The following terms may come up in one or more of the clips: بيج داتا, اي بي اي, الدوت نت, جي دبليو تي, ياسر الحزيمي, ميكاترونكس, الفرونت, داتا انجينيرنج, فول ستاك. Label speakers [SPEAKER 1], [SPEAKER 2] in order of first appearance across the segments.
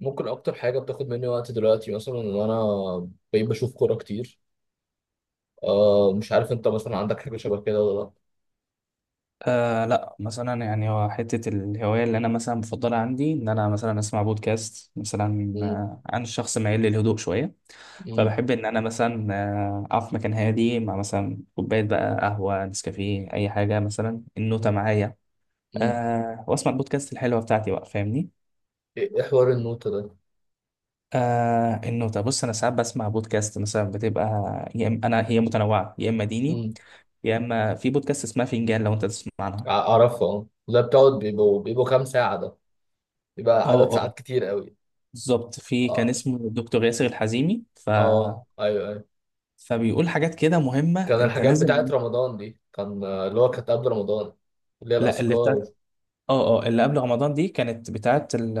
[SPEAKER 1] ممكن اكتر حاجه بتاخد مني وقت دلوقتي مثلا ان انا بقيت بشوف كوره كتير. مش عارف انت مثلا عندك حاجه شبه كده ولا لا.
[SPEAKER 2] لا مثلا يعني هو حتة الهواية اللي أنا مثلا بفضلها عندي إن أنا مثلا أسمع بودكاست مثلا،
[SPEAKER 1] مم.
[SPEAKER 2] عن الشخص مايل للهدوء شوية.
[SPEAKER 1] مم.
[SPEAKER 2] فبحب إن أنا مثلا أقف في مكان هادي مع مثلا كوباية بقى قهوة نسكافيه أي حاجة، مثلا النوتة
[SPEAKER 1] مم.
[SPEAKER 2] معايا،
[SPEAKER 1] مم.
[SPEAKER 2] وأسمع البودكاست الحلوة بتاعتي بقى، فاهمني؟
[SPEAKER 1] ايه، إيه حوار النوتة ده؟
[SPEAKER 2] النوتة، بص أنا ساعات بسمع بودكاست مثلا بتبقى يا إما أنا هي متنوعة يا إما ديني،
[SPEAKER 1] مم.
[SPEAKER 2] يا إما في بودكاست اسمها فنجان لو أنت تسمع عنها.
[SPEAKER 1] اعرفه، اه، ده بتقعد بيبقوا كام ساعه ده؟ بيبقى عدد
[SPEAKER 2] اه
[SPEAKER 1] ساعات كتير قوي.
[SPEAKER 2] بالظبط، في كان
[SPEAKER 1] اه
[SPEAKER 2] اسمه دكتور ياسر الحزيمي ف...
[SPEAKER 1] اه، ايوه ايوه،
[SPEAKER 2] فبيقول حاجات كده مهمة
[SPEAKER 1] كان
[SPEAKER 2] انت
[SPEAKER 1] الحاجات بتاعت
[SPEAKER 2] لازم.
[SPEAKER 1] رمضان دي كان، اللي هو كانت قبل رمضان، اللي هي
[SPEAKER 2] لا اللي
[SPEAKER 1] الاذكار و...
[SPEAKER 2] بتاعت، اه اللي قبل رمضان دي كانت بتاعت ال...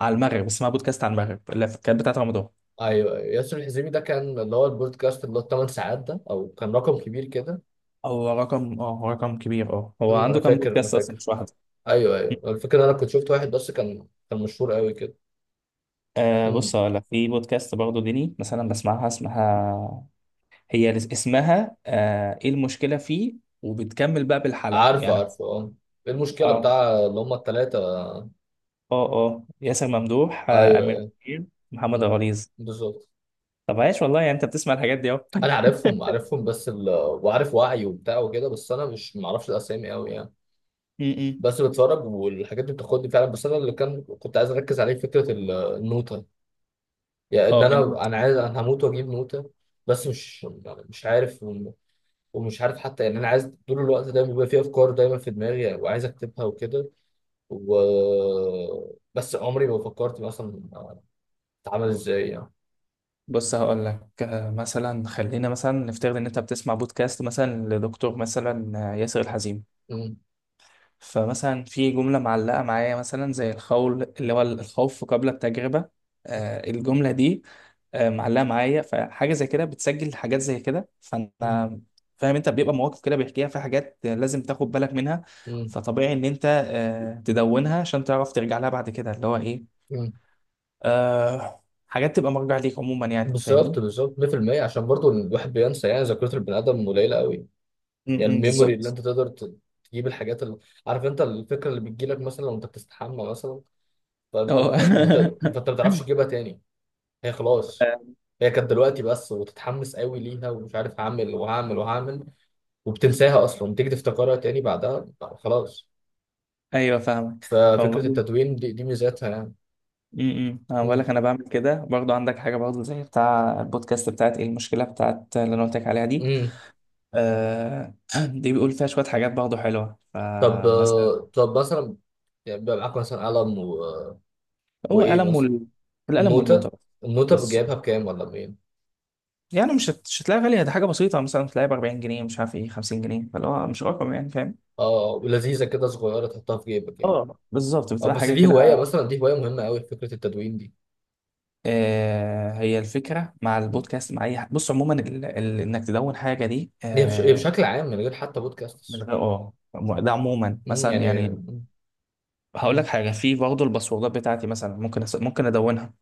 [SPEAKER 2] على المغرب، اسمها بودكاست على المغرب اللي كانت بتاعت رمضان.
[SPEAKER 1] ايوه ايوه، ياسر الحزيمي ده كان اللي هو البودكاست اللي هو الثمان ساعات ده او كان رقم كبير كده.
[SPEAKER 2] هو رقم، هو رقم كبير، اه هو
[SPEAKER 1] مم، انا
[SPEAKER 2] عنده كام
[SPEAKER 1] فاكر انا
[SPEAKER 2] بودكاست اصلا
[SPEAKER 1] فاكر
[SPEAKER 2] مش واحدة.
[SPEAKER 1] ايوه ايوه، الفكره إن انا كنت شفت واحد بس كان مشهور قوي كده. امم
[SPEAKER 2] بص هقول لك، في بودكاست برضه ديني مثلا بسمعها اسمها، اسمها ايه المشكلة فيه، وبتكمل بقى بالحلقة
[SPEAKER 1] عارفه
[SPEAKER 2] يعني.
[SPEAKER 1] عارفه اه. إيه المشكله
[SPEAKER 2] اه
[SPEAKER 1] بتاع اللي هم الثلاثه؟
[SPEAKER 2] اه ياسر ممدوح،
[SPEAKER 1] ايوه
[SPEAKER 2] امير
[SPEAKER 1] ايوه.
[SPEAKER 2] منير، محمد
[SPEAKER 1] أمم.
[SPEAKER 2] غليظ.
[SPEAKER 1] بالظبط.
[SPEAKER 2] طب عايش والله، يعني انت بتسمع الحاجات دي اهو.
[SPEAKER 1] انا عارفهم عارفهم بس ال... وعارف وعي وبتاع وكده، بس انا مش معرفش الاسامي قوي يعني.
[SPEAKER 2] امم.
[SPEAKER 1] بس بتفرج والحاجات دي بتاخدني فعلا، بس انا اللي كنت عايز اركز عليه فكره النوته. يعني ان
[SPEAKER 2] اه
[SPEAKER 1] انا عايز، انا هموت واجيب نوته، بس مش يعني مش عارف. ومش عارف حتى، يعني انا عايز طول الوقت، دايما بيبقى في افكار دايما في دماغي وعايز اكتبها وكده، و بس عمري ما فكرت مثلا اتعامل ازاي يعني.
[SPEAKER 2] بص هقول لك، مثلا خلينا مثلا نفترض ان انت بتسمع بودكاست مثلا لدكتور مثلا ياسر الحزيمي.
[SPEAKER 1] مم.
[SPEAKER 2] فمثلا في جمله معلقه معايا مثلا زي الخول اللي هو الخوف قبل التجربه. الجمله دي معلقه معايا، فحاجه زي كده بتسجل حاجات زي كده.
[SPEAKER 1] مم.
[SPEAKER 2] فانا فاهم انت بيبقى مواقف كده بيحكيها، في حاجات لازم تاخد بالك منها.
[SPEAKER 1] مم.
[SPEAKER 2] فطبيعي ان انت تدونها عشان تعرف ترجع لها بعد كده، اللي هو ايه،
[SPEAKER 1] مم.
[SPEAKER 2] حاجات تبقى مرجع ليك عموما يعني،
[SPEAKER 1] بالظبط
[SPEAKER 2] فاهمني؟
[SPEAKER 1] بالظبط 100%، عشان برضو الواحد بينسى، يعني ذاكرة البني آدم قليلة قوي.
[SPEAKER 2] م-
[SPEAKER 1] يعني
[SPEAKER 2] م،
[SPEAKER 1] الميموري اللي
[SPEAKER 2] بالظبط.
[SPEAKER 1] انت تقدر تجيب الحاجات اللي، عارف انت الفكرة اللي بتجيلك مثلا وانت بتستحمى مثلا، فانت ما
[SPEAKER 2] اه
[SPEAKER 1] ت- ما ت- فانت ما تعرفش تجيبها تاني. هي خلاص.
[SPEAKER 2] آه،
[SPEAKER 1] هي كانت دلوقتي بس وتتحمس قوي ليها ومش عارف هعمل وهعمل وهعمل، وبتنساها اصلا، تيجي تفتكرها تاني بعدها، خلاص.
[SPEAKER 2] ايوه فاهمك.
[SPEAKER 1] ففكرة
[SPEAKER 2] فبقول،
[SPEAKER 1] التدوين دي, ميزاتها يعني.
[SPEAKER 2] امم، انا بقول
[SPEAKER 1] مم.
[SPEAKER 2] لك انا بعمل كده برضو. عندك حاجه برضو زي بتاع البودكاست بتاعت ايه المشكله بتاعت اللي انا قلت لك عليها دي،
[SPEAKER 1] مم.
[SPEAKER 2] آه دي بيقول فيها شوية حاجات برضه حلوة،
[SPEAKER 1] طب
[SPEAKER 2] فمثلا
[SPEAKER 1] طب مثلا، يعني بيبقى معاك مثلا قلم و...
[SPEAKER 2] هو
[SPEAKER 1] وإيه
[SPEAKER 2] قلم
[SPEAKER 1] مثلا؟
[SPEAKER 2] وال... القلم
[SPEAKER 1] النوتة.
[SPEAKER 2] والنوتة.
[SPEAKER 1] النوتة
[SPEAKER 2] بس
[SPEAKER 1] جايبها بكام ولا بمين؟
[SPEAKER 2] يعني مش هتلاقي غالية، دي حاجة بسيطة مثلا تلاقي ب 40 جنيه مش عارف ايه 50 جنيه، فاللي هو مش رقم يعني، فاهم؟
[SPEAKER 1] اه، ولذيذة كده صغيرة تحطها في جيبك يعني.
[SPEAKER 2] اه بالظبط
[SPEAKER 1] اه،
[SPEAKER 2] بتبقى
[SPEAKER 1] بس
[SPEAKER 2] حاجة
[SPEAKER 1] دي هواية،
[SPEAKER 2] كده.
[SPEAKER 1] مثلا دي هواية مهمة قوي فكرة التدوين دي.
[SPEAKER 2] هي الفكرة مع
[SPEAKER 1] مم.
[SPEAKER 2] البودكاست مع أي حاجة بص عموما، إنك تدون حاجة دي
[SPEAKER 1] هي بشكل عام من غير حتى
[SPEAKER 2] من
[SPEAKER 1] بودكاست.
[SPEAKER 2] غير، ده عموما
[SPEAKER 1] مم.
[SPEAKER 2] مثلا
[SPEAKER 1] يعني
[SPEAKER 2] يعني.
[SPEAKER 1] مم.
[SPEAKER 2] هقول لك
[SPEAKER 1] مم.
[SPEAKER 2] حاجة، في برضه الباسوردات بتاعتي مثلا ممكن ممكن أدونها.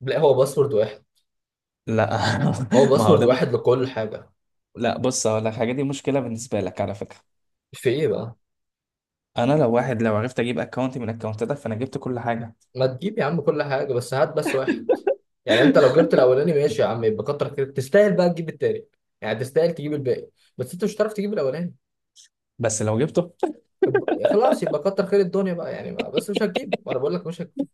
[SPEAKER 1] لا، هو باسورد واحد.
[SPEAKER 2] لا
[SPEAKER 1] هو
[SPEAKER 2] ما هو
[SPEAKER 1] باسورد
[SPEAKER 2] ده.
[SPEAKER 1] واحد لكل حاجة.
[SPEAKER 2] لا بص هقول لك حاجه، دي مشكله بالنسبه لك على فكره.
[SPEAKER 1] في إيه بقى؟
[SPEAKER 2] انا لو واحد، لو عرفت اجيب اكونت من اكونتاتك فانا جبت كل حاجه.
[SPEAKER 1] ما تجيب يا عم كل حاجة، بس هات بس واحد. يعني انت لو جبت الاولاني، ماشي يا عم، يبقى كتر خيرك، تستاهل بقى تجيب التاني، يعني تستاهل تجيب الباقي. بس انت مش هتعرف تجيب الاولاني.
[SPEAKER 2] بس لو جبته.
[SPEAKER 1] خلاص يبقى كتر خير الدنيا بقى يعني، بس مش هتجيب، وانا بقول لك مش هتجيب.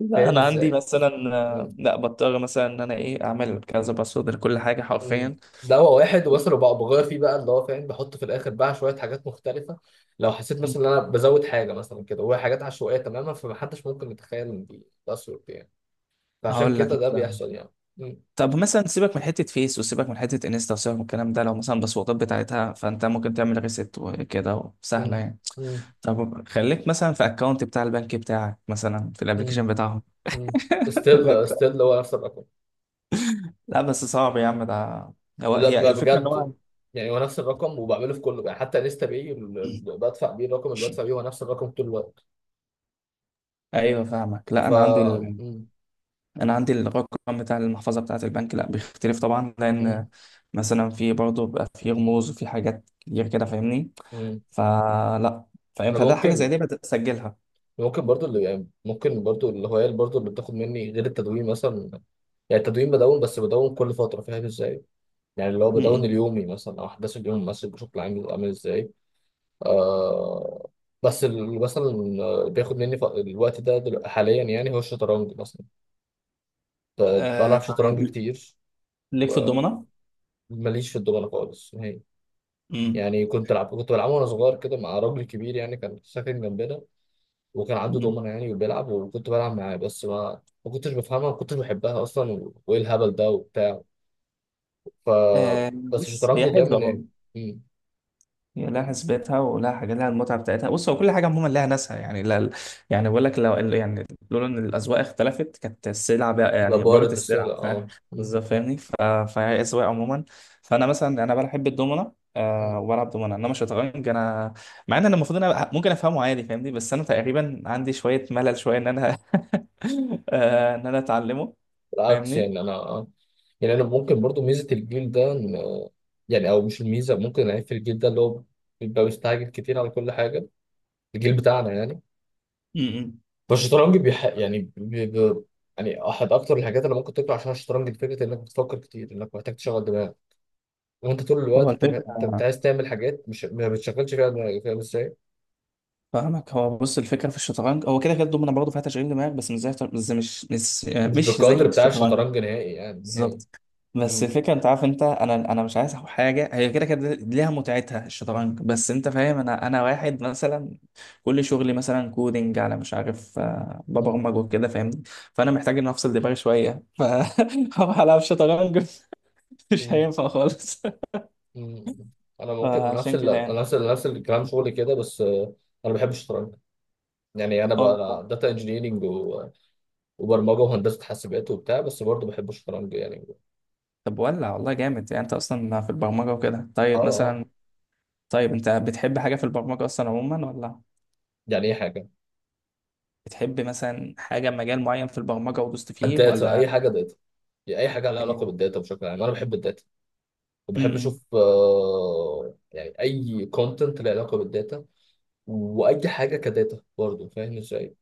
[SPEAKER 2] لا
[SPEAKER 1] فاهم
[SPEAKER 2] انا عندي
[SPEAKER 1] ازاي؟
[SPEAKER 2] مثلا
[SPEAKER 1] مم.
[SPEAKER 2] لا بضطر مثلا ان انا ايه اعمل كذا باسورد لكل حاجه
[SPEAKER 1] مم.
[SPEAKER 2] حرفيا.
[SPEAKER 1] ده هو واحد ومثلا بقى بغير فيه بقى، اللي هو فاهم، بحط في الاخر بقى شويه حاجات مختلفه. لو حسيت
[SPEAKER 2] مم.
[SPEAKER 1] مثلا ان انا بزود حاجه مثلا كده، وهي حاجات عشوائيه تماما، فمحدش ممكن يتخيل ان دي تاثر دي يعني. فعشان
[SPEAKER 2] هقول لك
[SPEAKER 1] كده ده
[SPEAKER 2] مثلا،
[SPEAKER 1] بيحصل يعني. مم.
[SPEAKER 2] طب مثلا سيبك من حته فيس وسيبك من حته انستا وسيبك من الكلام ده، لو مثلا الباسوردات بتاعتها فانت ممكن تعمل ريست وكده، سهله
[SPEAKER 1] مم.
[SPEAKER 2] يعني.
[SPEAKER 1] مم.
[SPEAKER 2] طب خليك مثلا في اكونت بتاع البنك بتاعك مثلا في الابلكيشن
[SPEAKER 1] مم.
[SPEAKER 2] بتاعهم.
[SPEAKER 1] مم. ستيل ستيل هو نفس الرقم.
[SPEAKER 2] لا بس صعب يا عم ده.
[SPEAKER 1] لا،
[SPEAKER 2] هي الفكرة ان
[SPEAKER 1] بجد.
[SPEAKER 2] هو
[SPEAKER 1] يعني هو نفس الرقم وبعمله في كله، يعني حتى انستا باي، بدفع بيه، الرقم اللي بدفع بيه هو نفس الرقم طول الوقت.
[SPEAKER 2] ايوه فاهمك. لا
[SPEAKER 1] ف
[SPEAKER 2] انا عندي ال...
[SPEAKER 1] مم.
[SPEAKER 2] انا عندي الرقم بتاع المحفظه بتاعه البنك، لا بيختلف طبعا
[SPEAKER 1] مم.
[SPEAKER 2] لان مثلا في برضه بيبقى في رموز وفي حاجات كتير كده، فاهمني؟
[SPEAKER 1] مم.
[SPEAKER 2] فلا، فاهم،
[SPEAKER 1] انا
[SPEAKER 2] فده حاجه زي
[SPEAKER 1] ممكن،
[SPEAKER 2] دي بتسجلها.
[SPEAKER 1] ممكن برضو اللي يعني، ممكن برضو الهواية اللي برضو اللي بتاخد مني غير التدوين مثلا. يعني التدوين بدون، بس بدون كل فترة، فاهم ازاي؟ يعني اللي هو بدون
[SPEAKER 2] امم.
[SPEAKER 1] اليومي مثلا، او احداث اليوم مثلا بشكل عام بيبقى عامل ازاي. آه بس اللي مثلا بياخد مني الوقت ده حاليا يعني، هو الشطرنج مثلا.
[SPEAKER 2] آه
[SPEAKER 1] بلعب شطرنج
[SPEAKER 2] طيب،
[SPEAKER 1] كتير.
[SPEAKER 2] ليك في الضمنه؟
[SPEAKER 1] ماليش في الدومنة خالص هي.
[SPEAKER 2] امم.
[SPEAKER 1] يعني كنت بلعبه وانا صغير كده مع راجل كبير يعني، كان ساكن جنبنا، وكان عنده دومنة يعني وبيلعب وكنت بلعب معاه، بس ما كنتش بفهمها، ما كنتش بحبها اصلا، و- وايه الهبل ده وبتاع. ف
[SPEAKER 2] آه
[SPEAKER 1] بس
[SPEAKER 2] بص، هي
[SPEAKER 1] الشطرنج دايما إيه؟
[SPEAKER 2] حلوه،
[SPEAKER 1] مم.
[SPEAKER 2] هي لها
[SPEAKER 1] مم.
[SPEAKER 2] حسبتها ولها حاجة، لها المتعة بتاعتها. بص هو كل حاجة عموما لها ناسها يعني، لا يعني بقول لك، لو يعني لولا إن الأذواق اختلفت كانت السلع بقى يعني بارت
[SPEAKER 1] ببارد السلة،
[SPEAKER 2] السلع، فاهم؟
[SPEAKER 1] اه مم.
[SPEAKER 2] بالظذات فاهمني، ف- فهي أذواق عموما. فأنا مثلا بحب الدومنة أه
[SPEAKER 1] مم.
[SPEAKER 2] وبلعب دومنة، إنما الشطرنج مع إن أنا المفروض ممكن أفهمه عادي، فاهمني؟ بس أنا تقريبا عندي شوية ملل، شوية إن أنا إن أنا أتعلمه،
[SPEAKER 1] بالعكس
[SPEAKER 2] فاهمني؟
[SPEAKER 1] يعني انا يعني انا ممكن برضو ميزه الجيل ده يعني، او مش الميزه، ممكن العيب في الجيل ده اللي هو بيبقى مستعجل كتير على كل حاجه، الجيل بتاعنا يعني.
[SPEAKER 2] م- م.
[SPEAKER 1] فالشطرنج بيح... يعني بي... بي... يعني احد اكتر الحاجات اللي ممكن تطلع عشان الشطرنج، فكره انك بتفكر كتير، انك محتاج تشغل دماغك، وانت طول
[SPEAKER 2] هو
[SPEAKER 1] الوقت انت انت أنت
[SPEAKER 2] الفكرة
[SPEAKER 1] عايز تعمل حاجات مش ما بتشغلش فيها دماغك، فاهم ازاي؟
[SPEAKER 2] فاهمك. هو بص الفكره في الشطرنج، هو كده كده الدومنه برضه فيها تشغيل دماغ، بس مش
[SPEAKER 1] مش
[SPEAKER 2] مش زي
[SPEAKER 1] بالقدر بتاع
[SPEAKER 2] الشطرنج.
[SPEAKER 1] الشطرنج نهائي، يعني نهائي.
[SPEAKER 2] بالظبط. بس
[SPEAKER 1] مم.
[SPEAKER 2] الفكره، انت عارف، انت انا مش عايز حاجه هي كده كده ليها متعتها الشطرنج، بس انت فاهم، انا واحد مثلا كل شغلي مثلا كودينج على مش عارف،
[SPEAKER 1] مم.
[SPEAKER 2] ببرمج وكده فاهمني؟ فانا محتاج ان افصل دماغي شويه، فهروح العب شطرنج. مش
[SPEAKER 1] مم.
[SPEAKER 2] هينفع خالص.
[SPEAKER 1] مم. انا ممكن
[SPEAKER 2] فعشان كده يعني.
[SPEAKER 1] نفس الكلام شغلي كده، بس انا بحب الشطرنج. يعني انا
[SPEAKER 2] اه
[SPEAKER 1] بقى داتا انجينيرنج و... وبرمجه وهندسه حاسبات وبتاع، بس برضه بحب الشطرنج يعني.
[SPEAKER 2] طب ولع والله جامد، يعني انت اصلا في البرمجه وكده.
[SPEAKER 1] اه
[SPEAKER 2] طيب
[SPEAKER 1] اه.
[SPEAKER 2] مثلا، طيب انت بتحب حاجة في البرمجة اصلا عموما، ولا
[SPEAKER 1] يعني اي حاجه.
[SPEAKER 2] بتحب مثلا حاجة مجال معين في البرمجة ودوست فيه
[SPEAKER 1] اديت اي
[SPEAKER 2] ولا
[SPEAKER 1] حاجه. يعني اي حاجه لها علاقه
[SPEAKER 2] ايه؟
[SPEAKER 1] بالداتا بشكل عام، انا بحب الداتا، وبحب
[SPEAKER 2] امم.
[SPEAKER 1] اشوف، يعني اي كونتنت له علاقه بالداتا، واي حاجه كداتا برضه، فاهم ازاي؟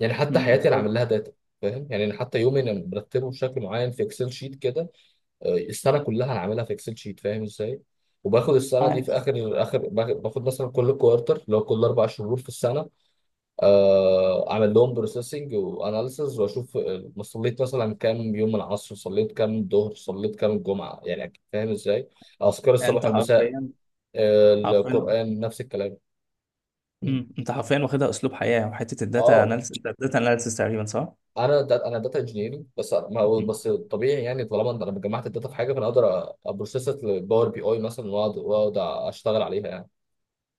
[SPEAKER 1] يعني حتى
[SPEAKER 2] امم. انت
[SPEAKER 1] حياتي انا عامل لها داتا. فاهم؟ يعني انا حتى يومي انا مرتبه بشكل معين في اكسل شيت كده، السنه كلها انا عاملها في اكسل شيت، فاهم ازاي؟ وباخد السنه دي
[SPEAKER 2] آه.
[SPEAKER 1] في اخر، باخد مثلا كل كوارتر اللي هو كل اربع شهور في السنه، اعمل لهم بروسيسنج واناليسز، واشوف ما صليت مثلا كام يوم، العصر صليت كام، الظهر صليت كام، الجمعه، يعني فاهم ازاي؟ اذكار الصباح
[SPEAKER 2] انت
[SPEAKER 1] والمساء،
[SPEAKER 2] حرفيا، حرفيا،
[SPEAKER 1] القران نفس الكلام. م.
[SPEAKER 2] امم، انت حرفيا واخدها اسلوب حياة. وحتة الداتا
[SPEAKER 1] اه،
[SPEAKER 2] اناليسيس، انت الداتا اناليسيس تقريبا، صح؟
[SPEAKER 1] انا دا، انا داتا انجينيرنج، بس أنا- ما هو-
[SPEAKER 2] مم.
[SPEAKER 1] بس طبيعي، يعني طالما لما جمعت الداتا في حاجه، فانا اقدر ابروسيسها للباور بي اي مثلا، واقعد اشتغل عليها يعني.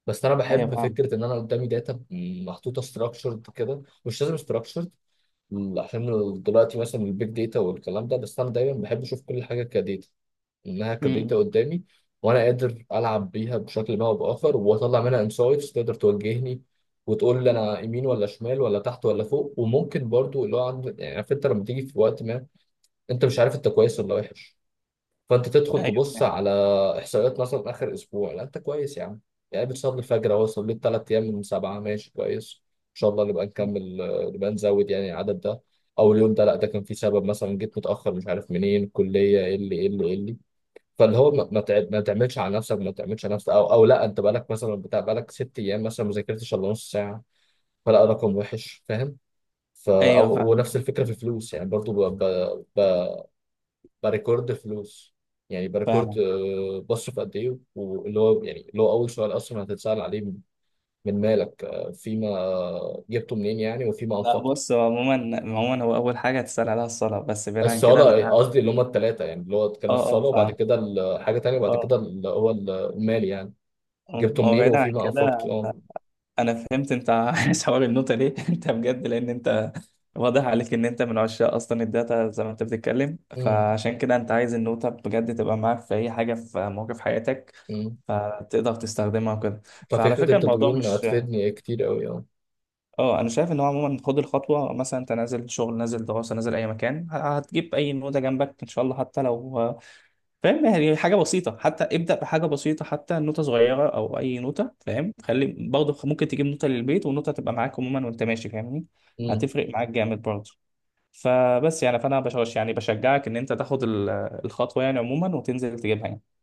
[SPEAKER 1] بس انا
[SPEAKER 2] ايوه
[SPEAKER 1] بحب
[SPEAKER 2] فاهم.
[SPEAKER 1] فكره ان انا قدامي داتا محطوطه ستراكشرد كده، مش لازم structured. مم، عشان دلوقتي مثلا البيج داتا والكلام ده، بس انا دايما بحب اشوف كل حاجه كداتا، انها كداتا
[SPEAKER 2] امم.
[SPEAKER 1] قدامي، وانا قادر العب بيها بشكل ما او باخر، واطلع منها انسايتس تقدر توجهني وتقول لي انا يمين ولا شمال ولا تحت ولا فوق. وممكن برضو اللي هو عند، يعني عارف انت لما تيجي في وقت ما انت مش عارف انت كويس ولا وحش، فانت تدخل
[SPEAKER 2] ايوه
[SPEAKER 1] تبص
[SPEAKER 2] فاهم.
[SPEAKER 1] على احصائيات مثلا اخر اسبوع، لا انت كويس يا عم، يعني بتصلي الفجر اهو، صليت ثلاث ايام من سبعه، ماشي كويس ان شاء الله نبقى نكمل، نبقى نزود يعني العدد ده. او اليوم ده لا، ده كان في سبب، مثلا جيت متاخر مش عارف منين، الكليه، ايه اللي، فاللي هو ما تعملش على نفسك، ما تعملش على نفسك، او او لا انت بقالك مثلا بتاع، بقالك ست ايام مثلا ما ذاكرتش الا نص ساعه، فلا، رقم وحش، فاهم؟ فا
[SPEAKER 2] ايوه
[SPEAKER 1] او،
[SPEAKER 2] فاهم.
[SPEAKER 1] ونفس الفكره في الفلوس يعني، برضو بريكورد فلوس. يعني بريكورد،
[SPEAKER 2] فاهم.
[SPEAKER 1] بصرف قد ايه، واللي هو يعني اللي هو اول سؤال اصلا هتتسأل عليه، من مالك، فيما جبته منين يعني، وفيما
[SPEAKER 2] لا
[SPEAKER 1] انفقته.
[SPEAKER 2] بص هو عموما، عموما هو اول حاجة هتسأل عليها الصلاة، بس بعيد عن كده
[SPEAKER 1] الصالة
[SPEAKER 2] انا،
[SPEAKER 1] قصدي، اللي هما التلاتة يعني، اللي هو كان
[SPEAKER 2] اه اه
[SPEAKER 1] الصالة، وبعد
[SPEAKER 2] فاهم،
[SPEAKER 1] كده حاجة تانية، وبعد
[SPEAKER 2] اه
[SPEAKER 1] كده اللي هو المال يعني،
[SPEAKER 2] اه
[SPEAKER 1] جبته
[SPEAKER 2] ما هو
[SPEAKER 1] منين
[SPEAKER 2] بعيد عن
[SPEAKER 1] وفيما
[SPEAKER 2] كده.
[SPEAKER 1] انفقته، اه.
[SPEAKER 2] انا فهمت انت عايز حوار النوتة ليه انت بجد، لان انت واضح عليك ان انت من عشاق اصلا الداتا، زي ما انت بتتكلم،
[SPEAKER 1] أمم،
[SPEAKER 2] فعشان كده انت عايز النوتة بجد تبقى معاك في اي حاجة في موقف حياتك،
[SPEAKER 1] أمم.
[SPEAKER 2] فتقدر تستخدمها وكده. فعلى
[SPEAKER 1] ففكرة
[SPEAKER 2] فكرة الموضوع
[SPEAKER 1] التدوين
[SPEAKER 2] مش،
[SPEAKER 1] هتفيدني كتير قوي اه.
[SPEAKER 2] اه انا شايف ان هو عموما خد الخطوة مثلا، انت نازل شغل نازل دراسة نازل اي مكان، هتجيب اي نوتة جنبك ان شاء الله، حتى لو، فاهم يعني حاجة بسيطة، حتى ابدأ بحاجة بسيطة، حتى نوتة صغيرة أو أي نوتة، فاهم؟ خلي برضه ممكن تجيب نوتة للبيت ونوتة تبقى معاك عموما وأنت ماشي، فاهمني؟
[SPEAKER 1] أمم.
[SPEAKER 2] هتفرق معاك جامد برضه. فبس يعني، فأنا بشجع يعني بشجعك إن أنت تاخد ال- الخطوة يعني عموما وتنزل تجيبها يعني.